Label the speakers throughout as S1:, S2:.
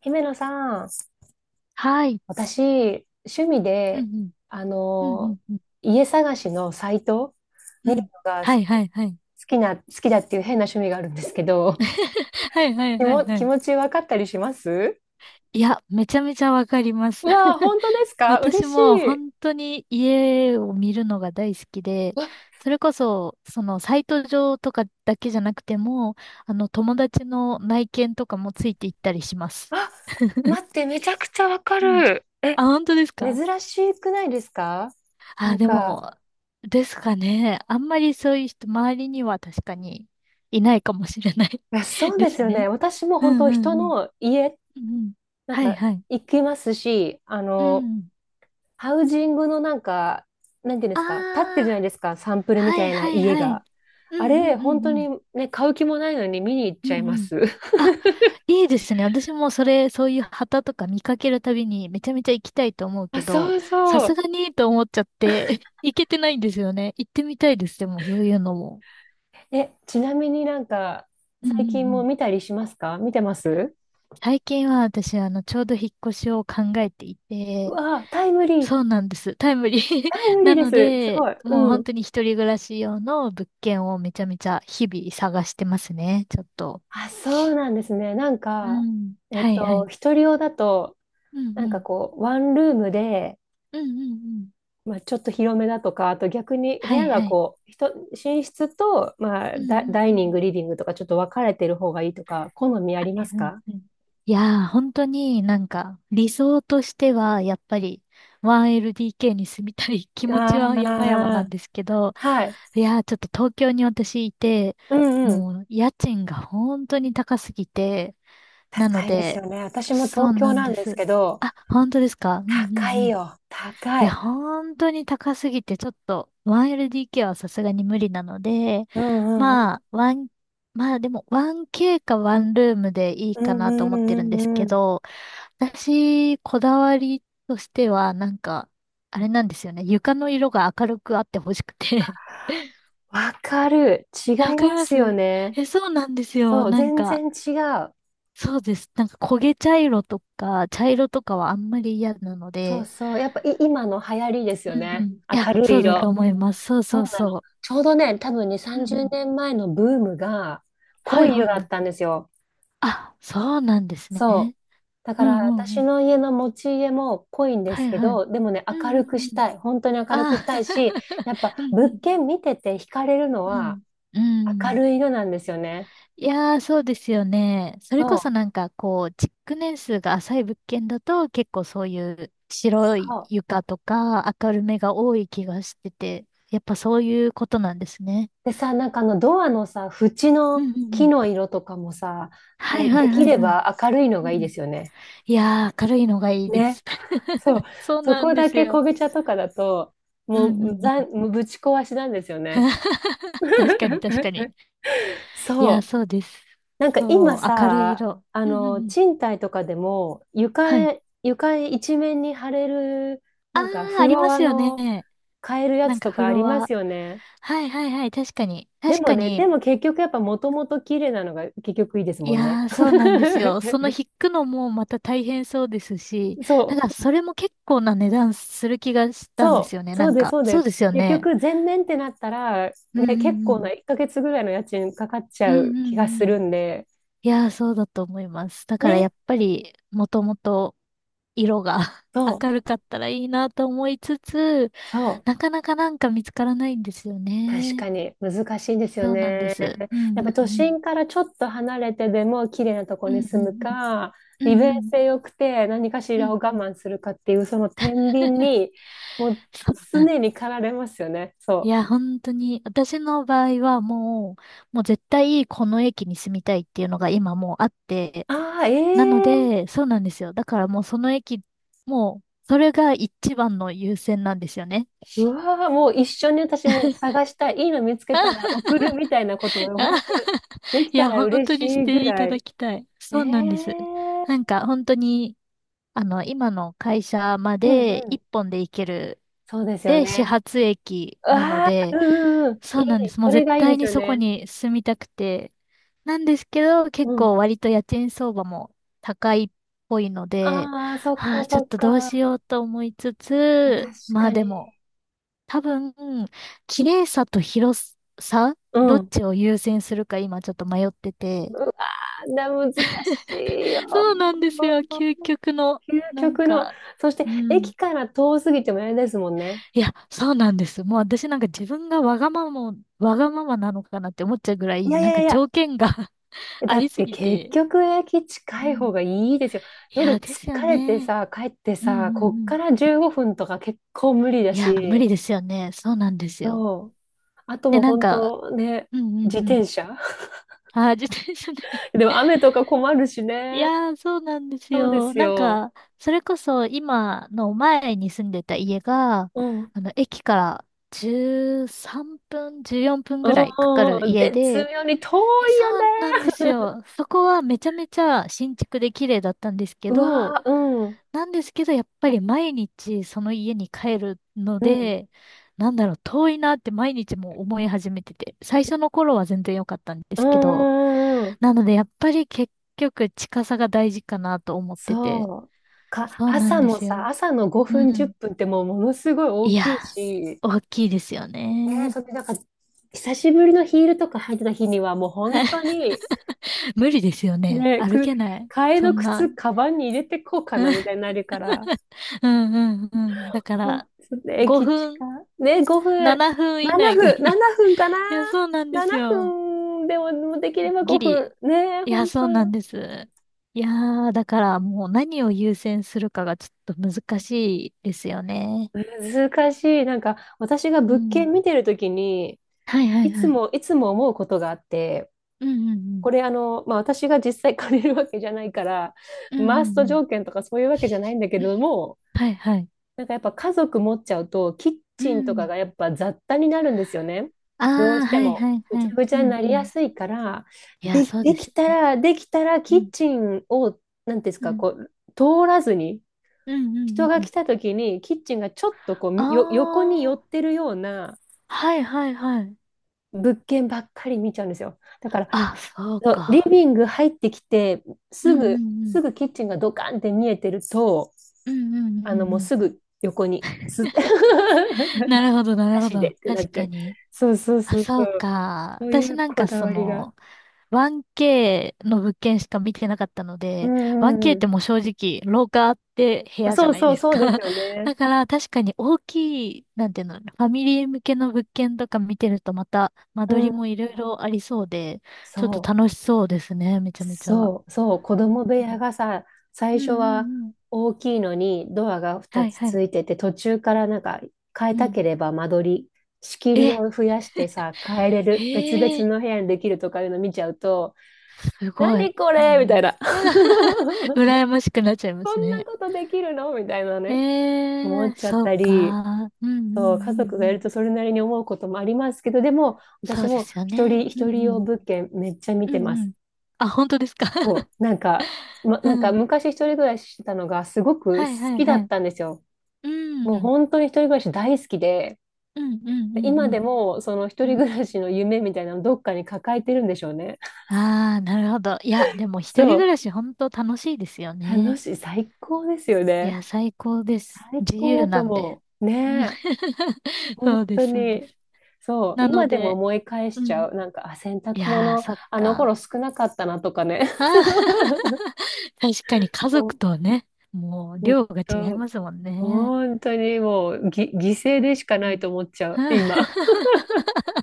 S1: 姫野さん、
S2: はい。
S1: 私、趣味
S2: うん
S1: で、
S2: うん。
S1: あ
S2: うんう
S1: の、
S2: んうん。
S1: 家探しのサイト
S2: う
S1: 見る
S2: ん。
S1: のが
S2: は
S1: す
S2: いはいはい。
S1: 好きだっていう変な趣味があるんですけど、
S2: は いはい
S1: 気
S2: は
S1: も、
S2: いは
S1: 気
S2: い。
S1: 持ち分かったりします？
S2: いや、めちゃめちゃわかります。
S1: うわー、本当ですか？嬉
S2: 私
S1: し
S2: も
S1: い。う
S2: 本当に家を見るのが大好きで、
S1: わ、
S2: それこそ、そのサイト上とかだけじゃなくても、あの友達の内見とかもついていったりします。
S1: あ、待って、めちゃくちゃわか
S2: うん。
S1: る。え、
S2: あ、本当ですか？
S1: 珍しくないですか？な
S2: あ、
S1: ん
S2: で
S1: か、
S2: も、ですかね。あんまりそういう人、周りには確かにいないかもしれない。
S1: いや、そう
S2: で
S1: です
S2: す
S1: よね。
S2: ね。
S1: 私も
S2: う
S1: 本
S2: ん
S1: 当
S2: うん
S1: 人
S2: うん。
S1: の家、
S2: うんうん。
S1: なん
S2: はい
S1: か
S2: はい。
S1: 行きますし、
S2: うん。
S1: ハウジングのなんか、なんていうんで
S2: あ
S1: すか、立ってるじゃない
S2: あ、
S1: ですか、サンプルみ
S2: は
S1: た
S2: い
S1: いな
S2: はい
S1: 家
S2: はい。
S1: が。
S2: う
S1: あ
S2: ん
S1: れ、
S2: うんう
S1: 本
S2: ん
S1: 当
S2: うん。
S1: にね、買う気もないのに見に行っ
S2: う
S1: ちゃい
S2: ん
S1: ま
S2: うん。
S1: す。
S2: あ、いいですね。私もそれ、そういう旗とか見かけるたびにめちゃめちゃ行きたいと思う
S1: あ、
S2: けど、
S1: そう
S2: さ
S1: そ
S2: す
S1: う。
S2: がにと思っちゃって 行けてないんですよね。行ってみたいです。でも、そういうのも。
S1: え、ちなみになんか、
S2: うんうんう
S1: 最近も
S2: ん。
S1: 見たりしますか？見てます？
S2: 最近は私、あの、ちょうど引っ越しを考えてい
S1: う
S2: て、
S1: わあ、タイムリー。
S2: そうなんです。タイムリー
S1: タイ ムリ
S2: な
S1: ーで
S2: の
S1: す。すご
S2: で、
S1: い。
S2: もう
S1: う
S2: 本
S1: ん。
S2: 当に一人暮らし用の物件をめちゃめちゃ日々探してますね、ちょっと。
S1: あ、そうなんですね。なん
S2: う
S1: か、
S2: ん。
S1: えっ
S2: はいは
S1: と、
S2: い。
S1: 一人用だと、
S2: うん
S1: なん
S2: う
S1: か
S2: ん。
S1: こう、ワンルームで、
S2: うんうんうん。
S1: まあ、ちょっと広めだとか、あと逆に部
S2: は
S1: 屋
S2: い
S1: が
S2: はい。
S1: こう、寝室と、まあ、
S2: うんうんう
S1: ダイニン
S2: ん。
S1: グ、リビングとかちょっと分かれてる方がいいとか、好み
S2: は
S1: ありま
S2: い
S1: す
S2: はい
S1: か？
S2: はい。いやー、本当になんか理想としてはやっぱり 1LDK に住みたい気持
S1: あ
S2: ちは山々なん
S1: あ
S2: ですけど、
S1: ー、はい。
S2: いやー、ちょっと東京に私いて、
S1: うんうん。
S2: もう家賃が本当に高すぎて、なの
S1: 高いです
S2: で、
S1: よね。私も
S2: そう
S1: 東京
S2: なん
S1: なん
S2: で
S1: です
S2: す。
S1: けど、
S2: あ、本当ですか？うんうん
S1: 高
S2: う
S1: い
S2: ん。
S1: よ。
S2: い
S1: 高
S2: や、
S1: い。
S2: 本当に高すぎて、ちょっと 1LDK はさすがに無理なので、
S1: うんうんうん。
S2: まあ、まあでも 1K かワンルームでいい
S1: う
S2: か
S1: んう
S2: なと
S1: ん
S2: 思って
S1: う
S2: るんです
S1: んう
S2: け
S1: ん。
S2: ど、私、こだわりとしては、なんか、あれなんですよね。床の色が明るくあってほしくて。
S1: わかる。違い
S2: え、わかり
S1: ま
S2: ま
S1: すよ
S2: す？
S1: ね。
S2: え、そうなんですよ。
S1: そう、
S2: なん
S1: 全
S2: か、
S1: 然違う。
S2: そうです。なんか焦げ茶色とか、茶色とかはあんまり嫌なの
S1: そう
S2: で、
S1: そう。やっぱい今の流行りですよ
S2: うんう
S1: ね。
S2: ん。いや、
S1: 明るい
S2: そうだ
S1: 色。
S2: と思います。そう
S1: そ
S2: そ
S1: う
S2: う
S1: なの。
S2: そ
S1: ちょうどね、多分にさ
S2: う。
S1: ん
S2: う
S1: じ
S2: ん
S1: ゅ
S2: う
S1: うね、
S2: ん。
S1: 30年前のブームが
S2: は
S1: 濃
S2: い
S1: い
S2: は
S1: 色
S2: い
S1: だ
S2: は
S1: っ
S2: い。
S1: たんですよ。
S2: あ、そうなんですね。
S1: そう。だ
S2: う
S1: から
S2: んうんう
S1: 私
S2: ん。
S1: の家の持ち家も濃いんで
S2: は
S1: す
S2: い
S1: け
S2: はい。
S1: ど、でもね、
S2: う
S1: 明
S2: んう
S1: る
S2: ん
S1: くし
S2: うん。
S1: たい。本当に明るくし
S2: あ、
S1: たいし、やっぱ
S2: うんう
S1: 物
S2: ん。
S1: 件見てて惹かれるの
S2: う
S1: は
S2: ん。う
S1: 明
S2: ん。
S1: るい色なんですよね。
S2: いやー、そうですよね。それ
S1: そ
S2: こそ
S1: う、
S2: なんかこう、築年数が浅い物件だと結構そういう白
S1: そ
S2: い
S1: う。
S2: 床とか明るめが多い気がしてて、やっぱそういうことなんですね。
S1: でさ、なんかあのドアのさ、縁
S2: う
S1: の
S2: んうんう
S1: 木
S2: ん。
S1: の色とかもさ、
S2: は
S1: も
S2: い
S1: う
S2: は
S1: で
S2: い
S1: き
S2: はい
S1: れ
S2: はい。
S1: ば明るいの
S2: う
S1: がいいで
S2: ん。
S1: すよね。
S2: いやー、明るいのがいいで
S1: ね。
S2: す。
S1: そう、
S2: そう
S1: そ
S2: なん
S1: こ
S2: で
S1: だ
S2: す
S1: け
S2: よ。
S1: 昆布茶とかだと、
S2: うんうんうん。
S1: もうぶち壊しなんですよ ね。
S2: 確かに確かに。い
S1: そ
S2: やー、
S1: う。
S2: そうです。
S1: なんか
S2: そ
S1: 今
S2: う、明るい
S1: さ、
S2: 色。
S1: あ
S2: うんうんう
S1: の、
S2: ん。
S1: 賃貸とかでも、
S2: はい。
S1: 床一面に貼れる、
S2: あ
S1: なんか
S2: ー、
S1: フ
S2: あり
S1: ロ
S2: ま
S1: ア
S2: すよ
S1: の
S2: ね。
S1: 買えるや
S2: なん
S1: つ
S2: か
S1: と
S2: フ
S1: かあり
S2: ロ
S1: ま
S2: ア。
S1: すよね。
S2: はいはいはい、確かに。
S1: で
S2: 確
S1: も
S2: か
S1: ね、
S2: に。
S1: でも結局やっぱもともと綺麗なのが結局いいです
S2: い
S1: もんね。
S2: やー、そうなんですよ。その引くのもまた大変そうですし、
S1: そ
S2: なんか
S1: う。
S2: それも結構な値段する気がしたんで
S1: そ
S2: すよ
S1: う、
S2: ね。な
S1: そう
S2: ん
S1: です、
S2: か、
S1: そうで
S2: そう
S1: す。
S2: ですよ
S1: 結
S2: ね。
S1: 局、全面ってなったら、
S2: うん
S1: ね、
S2: う
S1: 結
S2: んう
S1: 構な
S2: ん。
S1: 1ヶ月ぐらいの家賃かかっち
S2: う
S1: ゃ
S2: ん
S1: う
S2: う
S1: 気が
S2: んう
S1: する
S2: ん。
S1: んで、
S2: いやー、そうだと思います。だから
S1: ね、
S2: やっぱり、もともと色が
S1: そう、
S2: 明るかったらいいなと思いつつ、
S1: そう、
S2: なかなかなんか見つからないんですよ
S1: 確
S2: ね。
S1: かに難しいですよ
S2: そうなんで
S1: ね。
S2: す。う
S1: やっ
S2: んう
S1: ぱ
S2: んう
S1: 都
S2: ん。
S1: 心からちょっと離れてでも綺麗なとこ
S2: う
S1: に
S2: んう
S1: 住む
S2: ん
S1: か、
S2: うん。うん
S1: 利
S2: うん
S1: 便
S2: うん。
S1: 性良くて何かし
S2: うん
S1: ら
S2: う
S1: を我
S2: ん。
S1: 慢するかっていう、その天秤に、もう
S2: そうなんで
S1: 常
S2: す。
S1: に駆られますよね。
S2: い
S1: そう。
S2: や、本当に、私の場合はもう、絶対この駅に住みたいっていうのが今もうあって、
S1: ああ、
S2: なの
S1: ええ、
S2: で、そうなんですよ。だからもうその駅、もう、それが一番の優先なんですよね。
S1: うわー、もう一緒に私も探したい。いいの見つけたら送るみたいなことを本当 でき
S2: い
S1: た
S2: や、
S1: ら
S2: 本
S1: 嬉
S2: 当
S1: し
S2: にし
S1: いぐ
S2: てい
S1: ら
S2: ただ
S1: い。
S2: きたい。
S1: え
S2: そうなんです。なん
S1: ー、
S2: か、本当に、あの、今の会社ま
S1: うん
S2: で
S1: う
S2: 一
S1: ん。
S2: 本で行ける、
S1: そうですよ
S2: で、始
S1: ね。
S2: 発駅なの
S1: ああ、
S2: で、
S1: うんうん。い
S2: そ
S1: い。
S2: うなんです。も
S1: そ
S2: う
S1: れ
S2: 絶
S1: がいいで
S2: 対
S1: す
S2: に
S1: よ
S2: そこ
S1: ね。
S2: に住みたくて。なんですけど、
S1: う
S2: 結
S1: ん。
S2: 構割と家賃相場も高いっぽいので、
S1: ああ、そっ
S2: ああ、
S1: か
S2: ちょ
S1: そ
S2: っ
S1: っ
S2: とどうし
S1: か。
S2: ようと思いつつ、
S1: 確
S2: まあ
S1: か
S2: で
S1: に。
S2: も、多分、綺麗さと広さ、
S1: う
S2: ど
S1: ん。
S2: っちを優先するか今ちょっと迷ってて。
S1: わな難しいよ。
S2: そうなんですよ。究極の、
S1: 究
S2: なん
S1: 極の。
S2: か、
S1: そして、
S2: うん。
S1: 駅から遠すぎてもあれですもんね。
S2: いや、そうなんです。もう私なんか自分がわがままなのかなって思っちゃうぐら
S1: い
S2: い、
S1: やい
S2: なん
S1: や
S2: か
S1: いや、
S2: 条件が あ
S1: だ
S2: り
S1: っ
S2: す
S1: て
S2: ぎ
S1: 結
S2: て。
S1: 局駅
S2: う
S1: 近い方
S2: ん。
S1: がいいですよ。
S2: いや、
S1: 夜
S2: ですよ
S1: 疲れて
S2: ね。
S1: さ、帰って
S2: うんうん
S1: さ、こっ
S2: う
S1: か
S2: ん。
S1: ら15分とか結構無理だ
S2: いや、無
S1: し、
S2: 理ですよね。そうなんですよ。
S1: そう。あとも
S2: で、
S1: う
S2: なん
S1: 本
S2: か、
S1: 当ね、
S2: うんう
S1: 自
S2: んうん。
S1: 転車
S2: あー、自転車ね。
S1: でも 雨とか困るし
S2: い
S1: ね。
S2: やー、そうなんです
S1: そうで
S2: よ。
S1: す
S2: なん
S1: よ。
S2: か、それこそ今の前に住んでた家が、
S1: うん。うん
S2: あの、駅から13分、14分
S1: う
S2: ぐらいかか
S1: ん
S2: る
S1: うん。
S2: 家
S1: 絶
S2: で、
S1: 妙に遠
S2: え、
S1: いよね。
S2: そうなんですよ。そこはめちゃめちゃ新築で綺麗だったんですけ
S1: う
S2: ど、
S1: わー、うん。
S2: なんですけど、やっぱり毎日その家に帰るの
S1: うん。
S2: で、なんだろう、遠いなって毎日も思い始めてて、最初の頃は全然良かったんで
S1: う
S2: すけ
S1: んう
S2: ど、
S1: んうんうん。
S2: なのでやっぱり結局近さが大事かなと思ってて、
S1: そう。か、
S2: そうなん
S1: 朝
S2: で
S1: も
S2: す
S1: さ、
S2: よ。
S1: 朝の
S2: う
S1: 5分、10分
S2: ん。
S1: っぷんってもうものすごい
S2: い
S1: 大
S2: や、
S1: きいし、
S2: 大きいですよ
S1: ねえ、
S2: ね。
S1: それなんか、久しぶりのヒールとか履いてた日には、もう本当に、
S2: 無理ですよね。
S1: ね、
S2: 歩
S1: く、
S2: けない。
S1: 替え
S2: そ
S1: の
S2: んな。
S1: 靴、カバンに入れてこうかな、み たいになるから。
S2: うんうんうん。だか
S1: うんと
S2: ら、
S1: ね、駅近。
S2: 5分、
S1: ね、5分。
S2: 7分以
S1: 7
S2: 内がい
S1: 分、
S2: い。
S1: 7分かな。
S2: いや、そうなんです
S1: 7
S2: よ。
S1: 分でも、もうできれば
S2: ギ
S1: 5
S2: リ。
S1: 分。ねえ、
S2: いや、
S1: 本
S2: そうなん
S1: 当。
S2: です。いやー、だからもう何を優先するかがちょっと難しいですよね。
S1: 難しい。なんか、私が
S2: う
S1: 物
S2: ん。
S1: 件見てるときに、
S2: はいは
S1: い
S2: い
S1: つ
S2: はい。
S1: も、いつも思うことがあって、
S2: うんうん
S1: これあの、まあ、私が実際借りるわけじゃないから、
S2: うん。うん
S1: マ
S2: う
S1: ー
S2: ん
S1: スト
S2: うん。
S1: 条件とかそういうわけじゃないんだけれども、
S2: はいはい。
S1: なんかやっぱ家族持っちゃうと、キッ
S2: う
S1: チンとか
S2: ん。
S1: がやっぱ雑多になるんですよね。
S2: あ
S1: どう
S2: あ、
S1: して
S2: はい
S1: も。
S2: はい
S1: ぐ
S2: は
S1: ちゃ
S2: い。
S1: ぐち
S2: う
S1: ゃに
S2: ん
S1: な
S2: う
S1: りや
S2: ん。
S1: すいから、
S2: いや、
S1: で、
S2: そう
S1: で
S2: です
S1: き
S2: よ
S1: た
S2: ね。
S1: ら、できたら
S2: う
S1: キッ
S2: ん。
S1: チンを、なんていうんです
S2: う
S1: か、
S2: ん。
S1: こう、通らずに、
S2: うんうんう
S1: 人
S2: ん
S1: が
S2: うん。
S1: 来た時にキッチンがちょっとこ
S2: あ
S1: うよ横に寄っ
S2: あ、
S1: てるような
S2: はいはいはい。
S1: 物件ばっかり見ちゃうんですよ。だから
S2: あ、そう
S1: そうリ
S2: か。
S1: ビング入ってきて、
S2: うん
S1: す
S2: う
S1: ぐ、
S2: んうん。
S1: すぐキッチンがドカンって見えてると、
S2: うんうんうんう
S1: もう
S2: ん。
S1: すぐ横に、
S2: なるほど、なる
S1: な
S2: ほ
S1: しで
S2: ど。
S1: ってな
S2: 確
S1: っちゃ
S2: か
S1: う。
S2: に。
S1: そうそう
S2: あ、
S1: そうそ
S2: そう
S1: う。
S2: か。
S1: そうい
S2: 私
S1: う
S2: なん
S1: こ
S2: か
S1: だ
S2: そ
S1: わりが。
S2: の、1K の物件しか見てなかったの
S1: う
S2: で、
S1: んうん
S2: 1K っ
S1: う
S2: てもう正直、廊下あって部
S1: ん。
S2: 屋じゃ
S1: そう
S2: ない
S1: そう
S2: です
S1: そうです
S2: か。
S1: よ ね。
S2: だから確かに大きい、なんていうの、ファミリー向けの物件とか見てるとまた間取
S1: う
S2: りも
S1: ん。
S2: いろいろありそうで、ちょっと
S1: そう。
S2: 楽しそうですね、めちゃめちゃ。
S1: そう、子供部屋がさ、
S2: う
S1: 最
S2: んう
S1: 初
S2: んう
S1: は
S2: んうん。
S1: 大きいのにドアが2
S2: はい
S1: つ
S2: は
S1: つ
S2: い。
S1: いてて、途中からなんか変え
S2: う
S1: た
S2: ん。
S1: ければ間取り、仕切り
S2: え、
S1: を増やしてさ、変えれる、別々
S2: へえ。
S1: の部屋にできるとかいうの見ちゃうと、
S2: すごい。
S1: 何こ
S2: うん
S1: れみ
S2: う
S1: たい
S2: ん。
S1: な。
S2: 羨ましくなっちゃいま
S1: こ
S2: す
S1: んな
S2: ね。
S1: ことできるのみたいな
S2: え
S1: ね、
S2: え
S1: 思っ
S2: ー、
S1: ちゃっ
S2: そう
S1: たり、
S2: か。うんうんう
S1: そう、家
S2: ん
S1: 族がい
S2: う
S1: る
S2: ん。
S1: とそれなりに思うこともありますけど、でも
S2: そ
S1: 私
S2: うで
S1: も
S2: すよね。
S1: 一
S2: うん
S1: 人
S2: う
S1: 用
S2: ん。
S1: 物件めっちゃ見
S2: う
S1: て
S2: ん
S1: ま
S2: う
S1: す。
S2: ん。あ、本当ですか。
S1: そ う、なんか、
S2: う
S1: なんか
S2: ん。
S1: 昔一人暮らししてたのがすごく
S2: はいは
S1: 好
S2: い
S1: きだ
S2: は
S1: っ
S2: い。
S1: たんですよ。
S2: うん。
S1: も
S2: う
S1: う
S2: ん
S1: 本当に一人暮らし大好きで、
S2: うんうん
S1: 今
S2: う
S1: で
S2: ん
S1: もその一
S2: う
S1: 人
S2: ん。
S1: 暮らしの夢みたいなのどっかに抱えてるんでしょうね。
S2: ああ、なるほど。いや、でも一
S1: そ
S2: 人暮
S1: う、
S2: らし本当楽しいですよ
S1: 楽
S2: ね。
S1: しい、最高ですよ
S2: い
S1: ね。
S2: や、最高です。
S1: 最
S2: 自
S1: 高
S2: 由
S1: だと
S2: なんで。
S1: 思う。
S2: うん。
S1: ねえ、本
S2: そうで
S1: 当
S2: す、そうで
S1: に。
S2: す。
S1: そう、
S2: なの
S1: 今でも
S2: で、
S1: 思い返し
S2: う
S1: ち
S2: ん。
S1: ゃう。なんか、あ、洗
S2: い
S1: 濯
S2: やー、
S1: 物、
S2: そっ
S1: あの頃
S2: か。
S1: 少なかったなとかね。
S2: あ ー 確かに家族
S1: 本
S2: とね、もう量が違い
S1: 当
S2: ますもんね。
S1: 本当にもう犠牲でしか
S2: う
S1: ないと思っちゃう、
S2: ん。
S1: 今。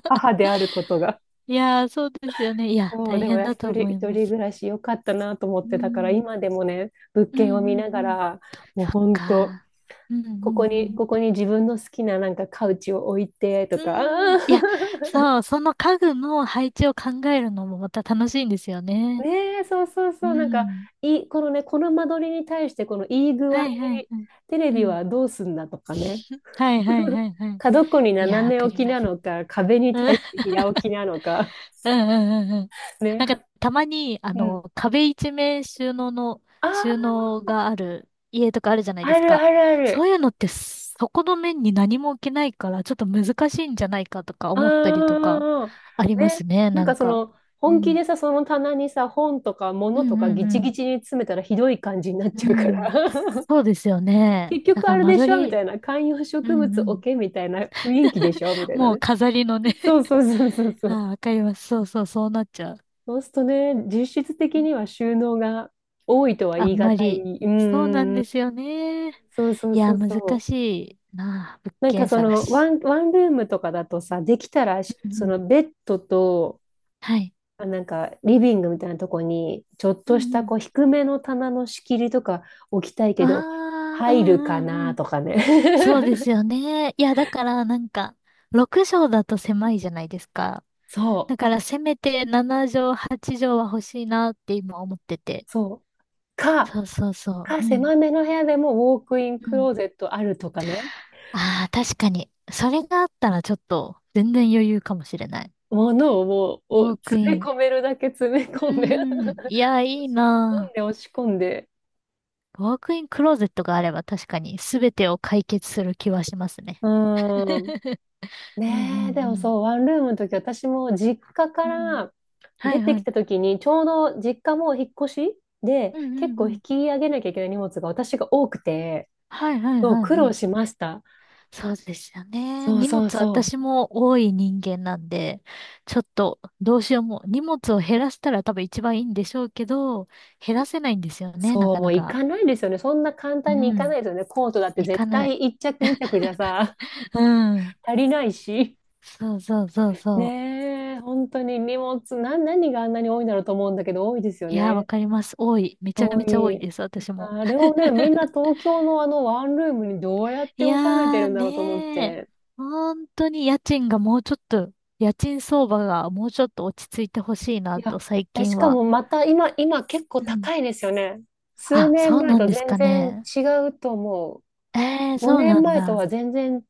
S1: 母であることが。
S2: いやー、そうですよね。いや、
S1: そう、
S2: 大
S1: でも
S2: 変だと思
S1: 一
S2: いま
S1: 人
S2: す。
S1: 暮らし良かったなと思っ
S2: う
S1: て、だから
S2: ん。
S1: 今でもね、物
S2: うん
S1: 件を
S2: う
S1: 見
S2: ん
S1: なが
S2: うん。
S1: ら、もう
S2: そっ
S1: 本当、
S2: か。うんう
S1: ここに、
S2: ん
S1: ここに自分の好きななんかカウチを置いてと
S2: う
S1: か、
S2: ん。うん。
S1: あ
S2: いや、
S1: ー
S2: そう、その家具の配置を考えるのもまた楽しいんですよ ね。
S1: ねえ、そうそう
S2: う
S1: そう、なんか、
S2: ん。
S1: いい、このね、この間取りに対して、このいい具合
S2: は
S1: に、
S2: いはいはい。
S1: テレ
S2: う
S1: ビ
S2: ん。
S1: はどうすんだとかね、
S2: はいはいは いはい。
S1: 角っこに
S2: いや、
S1: 斜
S2: わ
S1: め
S2: か
S1: 置
S2: り
S1: き
S2: ま
S1: な
S2: す。
S1: のか、壁に
S2: うん
S1: 対して平置きなのか。
S2: うんうんうんうん。なんか、
S1: ね、
S2: たまに、あ
S1: うん。
S2: の、壁一面収納の、
S1: あ
S2: 収
S1: あ、
S2: 納がある家とかあるじゃないで
S1: あ
S2: す
S1: る
S2: か。
S1: あるあ
S2: そ
S1: る。
S2: ういうのって、そこの面に何も置けないから、ちょっと難しいんじゃないかとか思ったりとか、
S1: ああ、
S2: ありま
S1: ね。
S2: すね、
S1: なん
S2: なん
S1: かそ
S2: か。
S1: の、
S2: う
S1: 本気
S2: ん。
S1: でさ、その棚にさ、本とか
S2: う
S1: 物とか
S2: ん
S1: ギ
S2: う
S1: チ
S2: ん
S1: ギチに詰めたらひどい感じになっ
S2: う
S1: ちゃうか
S2: ん。う
S1: ら。
S2: ん。そうですよね。
S1: 結
S2: だ
S1: 局
S2: か
S1: あ
S2: ら
S1: れ
S2: 間
S1: でしょ
S2: 取
S1: みた
S2: り、
S1: いな。観葉
S2: う
S1: 植
S2: んう
S1: 物置
S2: ん。
S1: けみたいな雰囲気でしょみたいな
S2: もう
S1: ね。
S2: 飾りのね。
S1: そうそうそうそうそ
S2: あ
S1: う。
S2: あ、わかります。そうそう、そうなっちゃう。
S1: そうするとね、実質的には収納が多いとは
S2: あ
S1: 言
S2: ん
S1: い難
S2: まり。
S1: い。う
S2: そうなん
S1: んん。
S2: ですよね。
S1: そうそう
S2: い
S1: そ
S2: や、
S1: う
S2: 難
S1: そう。
S2: しいなあ、物
S1: なんか
S2: 件
S1: そ
S2: 探
S1: の
S2: し。
S1: ワンルームとかだとさ、できたら
S2: うん
S1: そ
S2: う
S1: の
S2: ん、
S1: ベッドと
S2: はい。
S1: なんか、リビングみたいなとこに、ちょっ
S2: う
S1: とし
S2: んう
S1: た
S2: ん、
S1: こう低めの棚の仕切りとか置きたい
S2: あ
S1: けど、
S2: あ、う
S1: 入るか
S2: んうんう
S1: な
S2: ん。
S1: とかね。
S2: そうで すよね。いや、だからなんか、6畳だと狭いじゃないですか。
S1: そう、
S2: だからせめて7畳、8畳は欲しいなって今思ってて。
S1: そう。か、
S2: そうそうそう。うん。
S1: 狭めの部屋でもウォークイン
S2: う
S1: ク
S2: ん、
S1: ローゼットあるとかね。
S2: ああ、確かに。それがあったらちょっと、全然余裕かもしれない。
S1: ものをもう、お
S2: ウォーク
S1: 詰め
S2: イン。
S1: 込めるだけ詰め
S2: う
S1: 込んで
S2: ーん。いや、いい
S1: し込ん
S2: な
S1: で、
S2: あ。
S1: 押し込んで。
S2: ワークインクローゼットがあれば確かに全てを解決する気はしますね。
S1: うん。
S2: うんう
S1: ねえ、でも
S2: ん
S1: そう、ワンルームの時、私も実家か
S2: うん。うん。
S1: ら
S2: は
S1: 出
S2: い
S1: て
S2: は
S1: き
S2: い。
S1: た時に、ちょうど実家も引っ越しで、
S2: うん
S1: 結
S2: うん
S1: 構
S2: う
S1: 引
S2: ん。
S1: き上げなきゃいけない荷物が私が多くて、
S2: はいはい
S1: そう、
S2: はい
S1: 苦
S2: は
S1: 労
S2: い。
S1: しました。
S2: そうですよね。
S1: そう
S2: 荷
S1: そう
S2: 物
S1: そう。
S2: 私も多い人間なんで、ちょっとどうしようも、荷物を減らしたら多分一番いいんでしょうけど、減らせないんですよね、な
S1: そう、
S2: か
S1: も
S2: な
S1: う行
S2: か。
S1: かないですよね。そんな簡単に行
S2: う
S1: か
S2: ん。
S1: ないですよね。コートだって
S2: い
S1: 絶
S2: かない。
S1: 対一着二着にちゃくじゃさ、
S2: うん。
S1: 足りないし。
S2: そうそうそうそ
S1: ねえ、本当に荷物、な、何があんなに多いんだろうと思うんだけど、多いですよ
S2: う。いや、わ
S1: ね。
S2: かります。多い。めちゃ
S1: 多
S2: めちゃ多い
S1: い。
S2: です、私も。
S1: あれをね、みんな東京のあのワンルームにどうやって
S2: いや
S1: 収めて
S2: ー
S1: るん
S2: ね
S1: だろうと思っ
S2: ー、
S1: て。
S2: 本当に家賃がもうちょっと、家賃相場がもうちょっと落ち着いてほしい
S1: い
S2: なと
S1: や、
S2: 最
S1: え、
S2: 近
S1: しか
S2: は。
S1: もまた今、今結構
S2: うん。
S1: 高いですよね。数
S2: あ、
S1: 年
S2: そう
S1: 前
S2: なん
S1: と
S2: です
S1: 全
S2: か
S1: 然
S2: ね。
S1: 違うと思
S2: え
S1: う。
S2: ー、そう
S1: 5
S2: なん
S1: 年前とは
S2: だ。
S1: 全然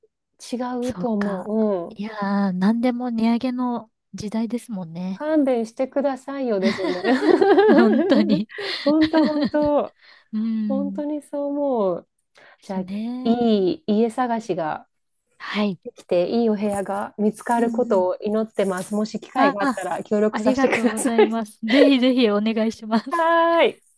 S1: 違う
S2: そう
S1: と思
S2: か。
S1: う。うん。
S2: いやー、なんでも値上げの時代ですもんね。
S1: 勘弁してくださいよですよね。
S2: 本当 に。
S1: 本当本 当
S2: う
S1: 本
S2: ん。
S1: 当
S2: で
S1: にそう思う。じゃあ、
S2: すね。
S1: いい家探しが。
S2: はい。
S1: できていいお部屋が見つか
S2: う
S1: る
S2: んう
S1: こと
S2: ん。
S1: を祈ってます。もし機会
S2: あ
S1: があった
S2: あ、
S1: ら協力
S2: あ
S1: さ
S2: り
S1: せて
S2: が
S1: く
S2: とう
S1: だ
S2: ご
S1: さい。
S2: ざいます。ぜひぜひお願いしま す。
S1: はーい。